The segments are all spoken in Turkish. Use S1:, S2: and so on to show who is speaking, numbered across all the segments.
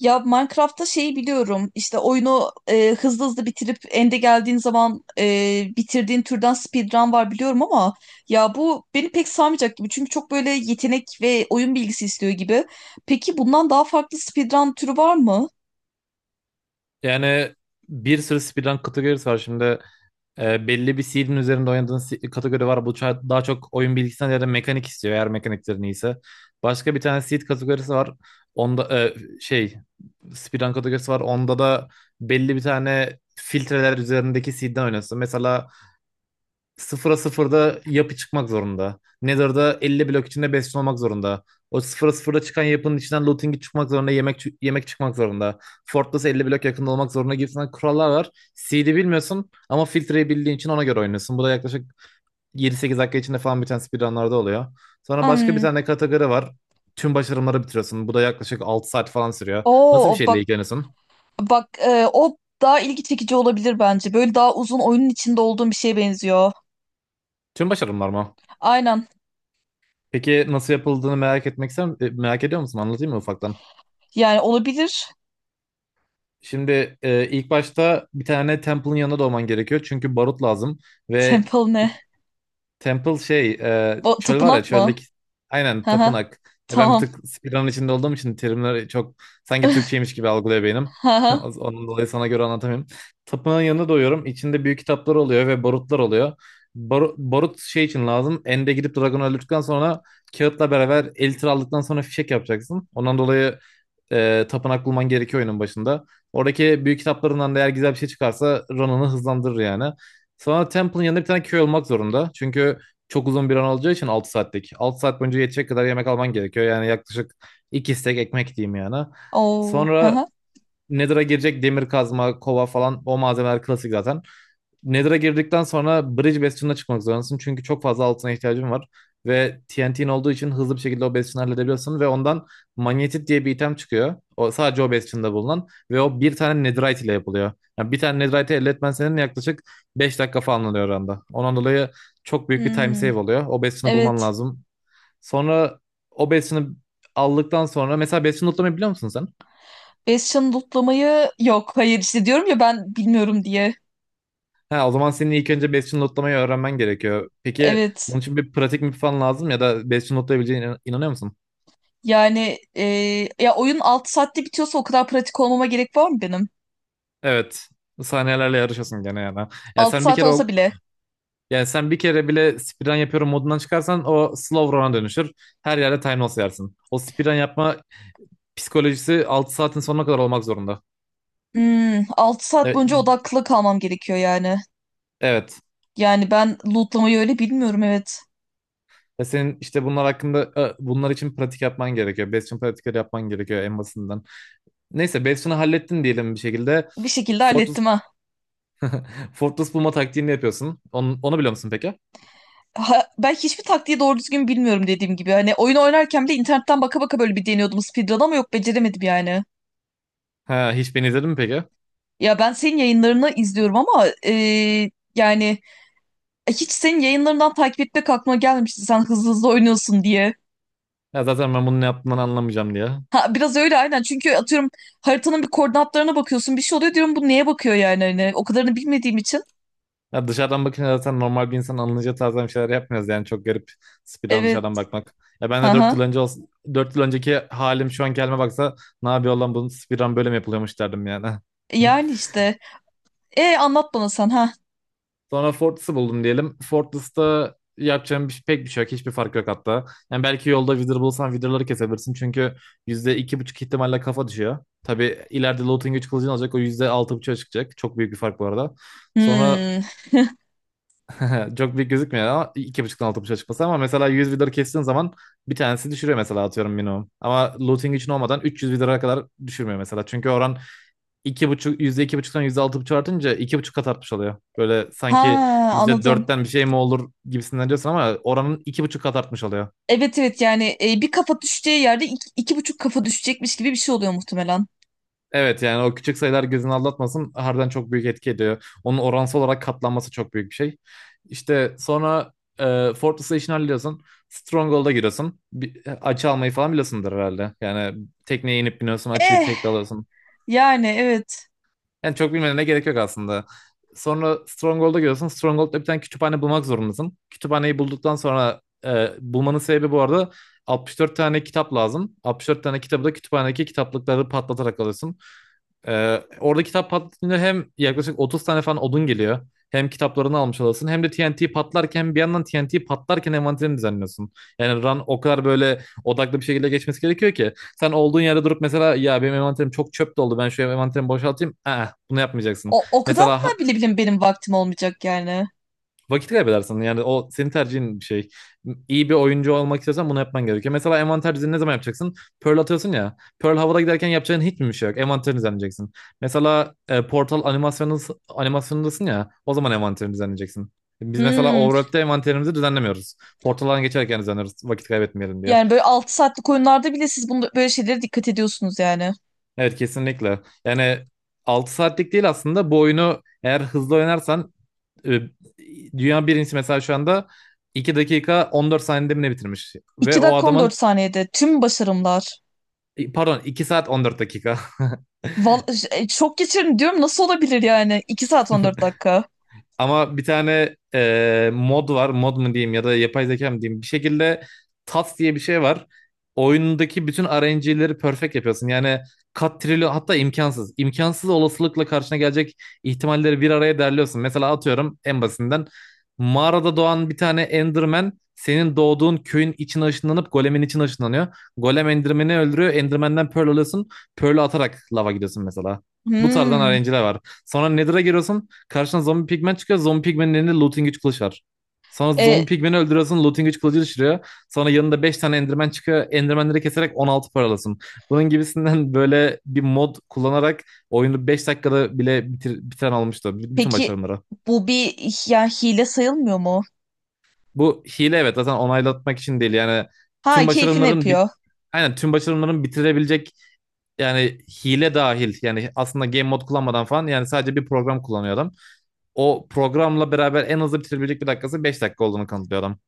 S1: Ya Minecraft'ta şeyi biliyorum. İşte oyunu hızlı hızlı bitirip end'e geldiğin zaman bitirdiğin türden speedrun var biliyorum ama ya bu beni pek sarmayacak gibi. Çünkü çok böyle yetenek ve oyun bilgisi istiyor gibi. Peki bundan daha farklı speedrun türü var mı?
S2: Yani bir sürü speedrun kategorisi var. Şimdi belli bir seed'in üzerinde oynadığın kategori var. Bu daha çok oyun bilgisinden ya mekanik istiyor eğer mekaniklerin iyiyse. Başka bir tane seed kategorisi var. Onda şey speedrun kategorisi var. Onda da belli bir tane filtreler üzerindeki seed'den oynuyorsun. Mesela sıfıra sıfırda yapı çıkmak zorunda. Nether'da 50 blok içinde besin olmak zorunda. O sıfıra sıfırda çıkan yapının içinden looting'i çıkmak zorunda, yemek çıkmak zorunda. Fortress 50 blok yakında olmak zorunda gibisinden kurallar var. CD bilmiyorsun ama filtreyi bildiğin için ona göre oynuyorsun. Bu da yaklaşık 7 sekiz dakika içinde falan biten speedrunlarda oluyor. Sonra başka bir
S1: Hmm.
S2: tane kategori var. Tüm başarımları bitiriyorsun. Bu da yaklaşık 6 saat falan sürüyor. Nasıl bir
S1: Oo,
S2: şeyle
S1: bak,
S2: ilgileniyorsun?
S1: bak, o daha ilgi çekici olabilir bence. Böyle daha uzun oyunun içinde olduğum bir şeye benziyor.
S2: Tüm başarımlar mı?
S1: Aynen.
S2: Peki nasıl yapıldığını merak etmek merak ediyor musun? Anlatayım mı ufaktan?
S1: Yani olabilir.
S2: Şimdi ilk başta bir tane Temple'ın yanına doğman gerekiyor. Çünkü barut lazım ve
S1: Temple ne?
S2: Temple çöl var ya
S1: Tapınak mı?
S2: çöldeki aynen
S1: Hı hı.
S2: tapınak. Ben bir
S1: Tamam.
S2: tık speedrun içinde olduğum için terimleri çok sanki Türkçeymiş gibi algılıyor beynim. Onun dolayı sana göre anlatamıyorum. Tapınağın yanına doyuyorum. İçinde büyük kitaplar oluyor ve barutlar oluyor. Barut şey için lazım. End'e gidip dragonu öldürdükten sonra kağıtla beraber elitir aldıktan sonra fişek yapacaksın. Ondan dolayı tapınak bulman gerekiyor oyunun başında. Oradaki büyük kitaplarından da eğer güzel bir şey çıkarsa Ronan'ı hızlandırır yani. Sana Temple'ın yanında bir tane köy olmak zorunda. Çünkü çok uzun bir an olacağı için 6 saatlik. 6 saat boyunca yetecek kadar yemek alman gerekiyor. Yani yaklaşık 2 stek ekmek diyeyim yani.
S1: Oo, hı
S2: Sonra
S1: hı.
S2: Nether'a girecek demir kazma, kova falan o malzemeler klasik zaten. Nether'a girdikten sonra Bridge Bastion'ına çıkmak zorundasın. Çünkü çok fazla altına ihtiyacın var. Ve TNT'in olduğu için hızlı bir şekilde o Bastion'u halledebiliyorsun. Ve ondan Magnetit diye bir item çıkıyor. O, sadece o Bastion'da bulunan. Ve o bir tane Netherite ile yapılıyor. Yani bir tane Netherite'i elde etmen senin yaklaşık 5 dakika falan alıyor oranda. Ondan dolayı çok büyük bir time save
S1: Hmm,
S2: oluyor. O Bastion'u bulman
S1: evet.
S2: lazım. Sonra o Bastion'u aldıktan sonra... Mesela Bastion'u lootlamayı biliyor musun sen?
S1: Bastion lootlamayı yok. Hayır, işte diyorum ya, ben bilmiyorum diye.
S2: Ha, o zaman senin ilk önce Bastion notlamayı öğrenmen gerekiyor. Peki bunun
S1: Evet.
S2: için bir pratik mi falan lazım ya da Bastion notlayabileceğine inanıyor musun?
S1: Yani ya oyun 6 saatte bitiyorsa o kadar pratik olmama gerek var mı benim?
S2: Evet. Saniyelerle yarışıyorsun gene yani. Yani
S1: 6
S2: sen bir
S1: saat
S2: kere o
S1: olsa bile.
S2: yani sen bir kere bile speedrun yapıyorum modundan çıkarsan o slow run'a dönüşür. Her yerde time loss yersin. O speedrun yapma psikolojisi 6 saatin sonuna kadar olmak zorunda.
S1: Hmm, 6 saat
S2: E,
S1: boyunca odaklı kalmam gerekiyor yani.
S2: Evet.
S1: Yani ben lootlamayı öyle bilmiyorum, evet.
S2: Ve senin işte bunlar için pratik yapman gerekiyor. Bastion pratikleri yapman gerekiyor en basitinden. Neyse Bastion'u hallettin diyelim bir şekilde.
S1: Bir şekilde
S2: Fortress
S1: hallettim ha.
S2: Fortress bulma taktiğini yapıyorsun. Onu biliyor musun peki?
S1: Ha, ben hiçbir taktiği doğru düzgün bilmiyorum dediğim gibi. Hani oyun oynarken bile internetten baka baka böyle bir deniyordum speedrun ama yok, beceremedim yani.
S2: Ha, hiç beni izledin mi peki?
S1: Ya, ben senin yayınlarını izliyorum ama yani hiç senin yayınlarından takip etmek aklıma gelmemişti sen hızlı hızlı oynuyorsun diye.
S2: Ya zaten ben bunu ne yaptığımdan anlamayacağım diye.
S1: Ha, biraz öyle aynen, çünkü atıyorum haritanın bir koordinatlarına bakıyorsun, bir şey oluyor, diyorum bu neye bakıyor yani, hani o kadarını bilmediğim için.
S2: Ya dışarıdan bakınca zaten normal bir insan anlayacağı tarzdan bir şeyler yapmıyoruz yani çok garip speedrun
S1: Evet.
S2: dışarıdan bakmak. Ya ben de 4 yıl
S1: Aha.
S2: önce olsa, 4 yıl önceki halim şu anki halime baksa ne yapıyor lan bunun speedrun böyle mi yapılıyormuş derdim yani.
S1: Yani işte. E, anlat bana sen, ha.
S2: Sonra Fortress'ı buldum diyelim. Fortress'ta yapacağım pek bir şey yok. Hiçbir fark yok hatta. Yani belki yolda Wither bulsan Wither'ları kesebilirsin. Çünkü yüzde iki buçuk ihtimalle kafa düşüyor. Tabii ileride Looting 3 kılıcını alacak. O %6,5'a çıkacak. Çok büyük bir fark bu arada. Sonra
S1: Hmm.
S2: çok büyük gözükmüyor ama iki buçuktan 6,5'a çıkması. Ama mesela 100 Wither kestiğin zaman bir tanesi düşürüyor mesela atıyorum minimum. Ama Looting için olmadan 300 Wither'a kadar düşürmüyor mesela. Çünkü oran iki buçuk yüzde iki buçuktan yüzde altı buçuk artınca iki buçuk kat artmış oluyor. Böyle
S1: Ha,
S2: sanki yüzde
S1: anladım.
S2: dörtten bir şey mi olur gibisinden diyorsun ama oranın iki buçuk kat artmış oluyor.
S1: Evet, evet, yani bir kafa düşeceği yerde iki, iki buçuk kafa düşecekmiş gibi bir şey oluyor muhtemelen.
S2: Evet yani o küçük sayılar gözünü aldatmasın harbiden çok büyük etki ediyor. Onun oransal olarak katlanması çok büyük bir şey. İşte sonra e, Fortress'ı işini hallediyorsun. Stronghold'a giriyorsun. Bir açı almayı falan biliyorsundur herhalde. Yani tekneye inip biniyorsun açıyı
S1: Eh,
S2: tek de alıyorsun.
S1: yani evet.
S2: Yani çok bilmene gerek yok aslında. Sonra Stronghold'a gidiyorsun. Stronghold'da bir tane kütüphane bulmak zorundasın. Kütüphaneyi bulduktan sonra bulmanın sebebi bu arada 64 tane kitap lazım. 64 tane kitabı da kütüphanedeki kitaplıkları patlatarak alıyorsun. Orada kitap patlatınca hem yaklaşık 30 tane falan odun geliyor. Hem kitaplarını almış olasın hem de TNT patlarken bir yandan TNT patlarken envanterini düzenliyorsun. Yani run o kadar böyle odaklı bir şekilde geçmesi gerekiyor ki. Sen olduğun yerde durup mesela ya benim envanterim çok çöp doldu ben şu envanterimi boşaltayım. Aa, bunu yapmayacaksın.
S1: O
S2: Mesela
S1: kadarına bile bile benim vaktim olmayacak yani.
S2: vakit kaybedersin. Yani o senin tercihin bir şey. İyi bir oyuncu olmak istiyorsan bunu yapman gerekiyor. Mesela envanter düzeni ne zaman yapacaksın? Pearl atıyorsun ya. Pearl havada giderken yapacağın hiç mi bir şey yok? Envanterini düzenleyeceksin. Mesela Portal animasyonundasın ya. O zaman envanterini düzenleyeceksin. Biz mesela
S1: Hmm.
S2: Overworld'de envanterimizi düzenlemiyoruz. Portaldan geçerken düzenliyoruz. Vakit kaybetmeyelim diye.
S1: Yani böyle 6 saatlik oyunlarda bile siz bunda böyle şeylere dikkat ediyorsunuz yani.
S2: Evet kesinlikle. Yani 6 saatlik değil aslında bu oyunu eğer hızlı oynarsan e, dünya birincisi mesela şu anda 2 dakika 14 saniyede mi ne bitirmiş? Ve
S1: iki
S2: o
S1: dakika on
S2: adamın
S1: dört saniyede tüm başarımlar.
S2: pardon 2 saat 14 dakika.
S1: Val, şok geçirin diyorum, nasıl olabilir yani? 2 saat on dört dakika.
S2: Ama bir tane mod var. Mod mu diyeyim ya da yapay zeka mı diyeyim. Bir şekilde TAS diye bir şey var. Oyundaki bütün RNG'leri perfect yapıyorsun. Yani kat trilyon hatta imkansız. İmkansız olasılıkla karşına gelecek ihtimalleri bir araya derliyorsun. Mesela atıyorum en basitinden. Mağarada doğan bir tane Enderman senin doğduğun köyün içine ışınlanıp golemin içine ışınlanıyor. Golem Enderman'i öldürüyor. Enderman'den Pearl alıyorsun. Pearl'ü atarak lava gidiyorsun mesela. Bu tarzdan
S1: Hmm.
S2: RNG'ler var. Sonra Nether'a giriyorsun. Karşına zombi pigmen çıkıyor. Zombi pigmenin elinde looting güç kılıç var. Sonra
S1: E,
S2: zombi pigmeni öldürüyorsun. Looting güç kılıcı düşürüyor. Sonra yanında 5 tane enderman çıkıyor. Endermanleri keserek 16 paralasın. Bunun gibisinden böyle bir mod kullanarak oyunu 5 dakikada bile bitiren olmuştu. Bütün
S1: peki
S2: başarımları.
S1: bu bir yani hile sayılmıyor mu?
S2: Bu hile evet zaten onaylatmak için değil. Yani
S1: Ha,
S2: tüm
S1: keyfini
S2: başarımların bi-
S1: yapıyor.
S2: aynen tüm başarımların bitirebilecek yani hile dahil yani aslında game mod kullanmadan falan yani sadece bir program kullanıyor adam. O programla beraber en hızlı bitirebilecek bir dakikası 5 dakika olduğunu kanıtlıyor adam.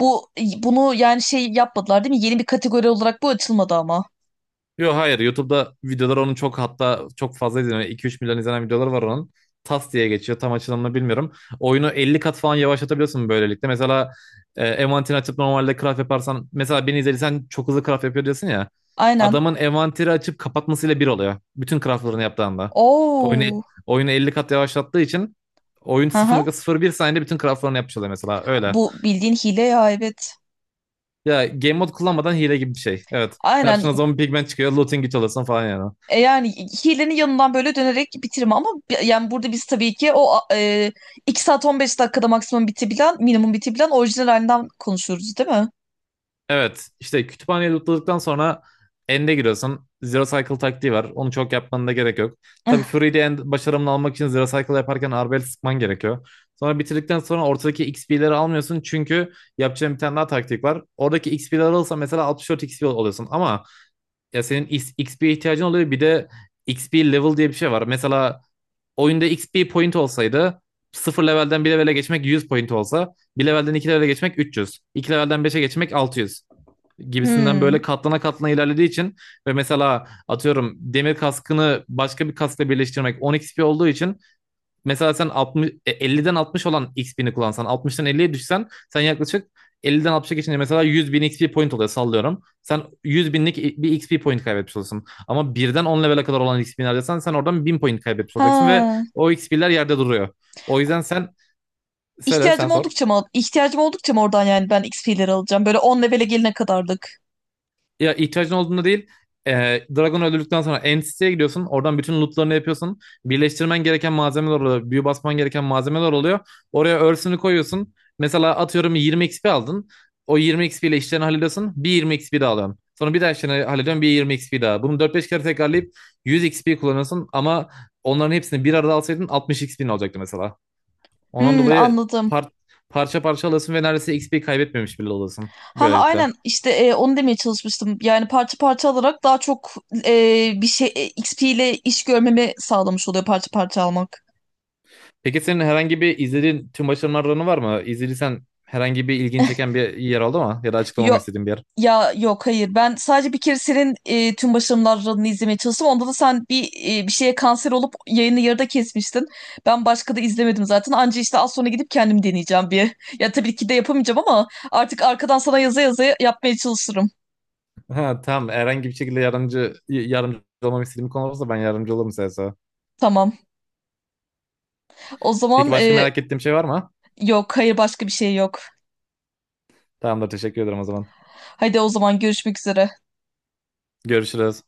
S1: Bu bunu yani şey yapmadılar değil mi? Yeni bir kategori olarak bu açılmadı ama.
S2: Yok hayır YouTube'da videolar onun çok hatta çok fazla izleniyor. 2 üç milyon izlenen videoları var onun. Tas diye geçiyor tam açılımını bilmiyorum. Oyunu 50 kat falan yavaşlatabiliyorsun böylelikle. Mesela envanterini açıp normalde craft yaparsan mesela beni izlediysen çok hızlı craft yapıyor diyorsun ya.
S1: Aynen.
S2: Adamın envanteri açıp kapatmasıyla bir oluyor. Bütün craftlarını yaptığında. Oyunu,
S1: Oo.
S2: oyunu 50 kat yavaşlattığı için oyun sıfır
S1: Haha.
S2: nokta sıfır bir saniyede bütün craftlarını yapmış oluyor mesela öyle.
S1: Bu bildiğin hile ya, evet.
S2: Ya game mode kullanmadan hile gibi bir şey. Evet.
S1: Aynen.
S2: Karşına zombi pigmen çıkıyor. Looting güç alırsın falan yani.
S1: E, yani hilenin yanından böyle dönerek bitirme ama, yani burada biz tabii ki o 2 saat 15 dakikada maksimum bitebilen, minimum bitebilen orijinal halinden konuşuyoruz değil mi?
S2: Evet. İşte kütüphaneyi lootladıktan sonra end'e giriyorsun. Zero Cycle taktiği var. Onu çok yapmanın da gerek yok. Tabii
S1: Eh.
S2: Fury'de end başarımını almak için Zero Cycle yaparken Arbelet sıkman gerekiyor. Sonra bitirdikten sonra ortadaki XP'leri almıyorsun. Çünkü yapacağın bir tane daha taktik var. Oradaki XP'leri alırsan mesela 64 XP oluyorsun. Ama ya senin XP'ye ihtiyacın oluyor. Bir de XP level diye bir şey var. Mesela oyunda XP point olsaydı sıfır levelden bir levele geçmek 100 point olsa bir levelden 2 levele geçmek 300 2 levelden beşe geçmek 600 gibisinden
S1: Hmm.
S2: böyle katlana katlana ilerlediği için ve mesela atıyorum demir kaskını başka bir kaskla birleştirmek 10 XP olduğu için mesela sen 50'den 60 olan XP'ni kullansan 60'tan 50'ye düşsen sen yaklaşık 50'den 60'a geçince mesela 100 bin XP point oluyor sallıyorum. Sen 100 binlik bir XP point kaybetmiş olursun. Ama birden 10 level'e kadar olan XP'ni harcasan sen oradan 1000 point kaybetmiş olacaksın ve
S1: Ha.
S2: o XP'ler yerde duruyor. O yüzden sen söyle sen
S1: İhtiyacım
S2: sor.
S1: oldukça mı? İhtiyacım oldukça mı oradan yani ben X XP'leri alacağım? Böyle 10 levele gelene kadarlık.
S2: Ya ihtiyacın olduğunda değil. E, Dragon öldürdükten sonra Entity'ye gidiyorsun. Oradan bütün lootlarını yapıyorsun. Birleştirmen gereken malzemeler oluyor. Büyü basman gereken malzemeler oluyor. Oraya örsünü koyuyorsun. Mesela atıyorum 20 XP aldın. O 20 XP ile işlerini hallediyorsun. Bir 20 XP daha alıyorsun. Sonra bir daha işlerini hallediyorsun. Bir 20 XP daha. Bunu dört beş kere tekrarlayıp 100 XP kullanıyorsun. Ama onların hepsini bir arada alsaydın 60 XP'nin olacaktı mesela. Ondan
S1: Hmm,
S2: dolayı
S1: anladım.
S2: par- parça parça alıyorsun ve neredeyse XP kaybetmemiş bile oluyorsun.
S1: Ha,
S2: Böylelikle.
S1: aynen işte onu demeye çalışmıştım. Yani parça parça alarak daha çok bir şey XP ile iş görmemi sağlamış oluyor parça parça almak.
S2: Peki senin herhangi bir izlediğin tüm başarılarını var mı? İzlediysen herhangi bir ilgin çeken bir yer oldu mu? Ya da açıklamamı
S1: Yo,
S2: istediğin bir yer.
S1: ya, yok, hayır. Ben sadece bir kere senin tüm başarılarını izlemeye çalıştım. Onda da sen bir şeye kanser olup yayını yarıda kesmiştin. Ben başka da izlemedim zaten. Anca işte az sonra gidip kendim deneyeceğim bir. Ya tabii ki de yapamayacağım ama artık arkadan sana yaza yaza yapmaya çalışırım.
S2: Ha, tamam herhangi bir şekilde yardımcı olmamı istediğin bir konu olursa ben yardımcı olurum size.
S1: Tamam. O
S2: Peki
S1: zaman
S2: başka merak ettiğim şey var mı?
S1: yok, hayır, başka bir şey yok.
S2: Tamamdır teşekkür ederim o zaman.
S1: Hadi o zaman görüşmek üzere.
S2: Görüşürüz.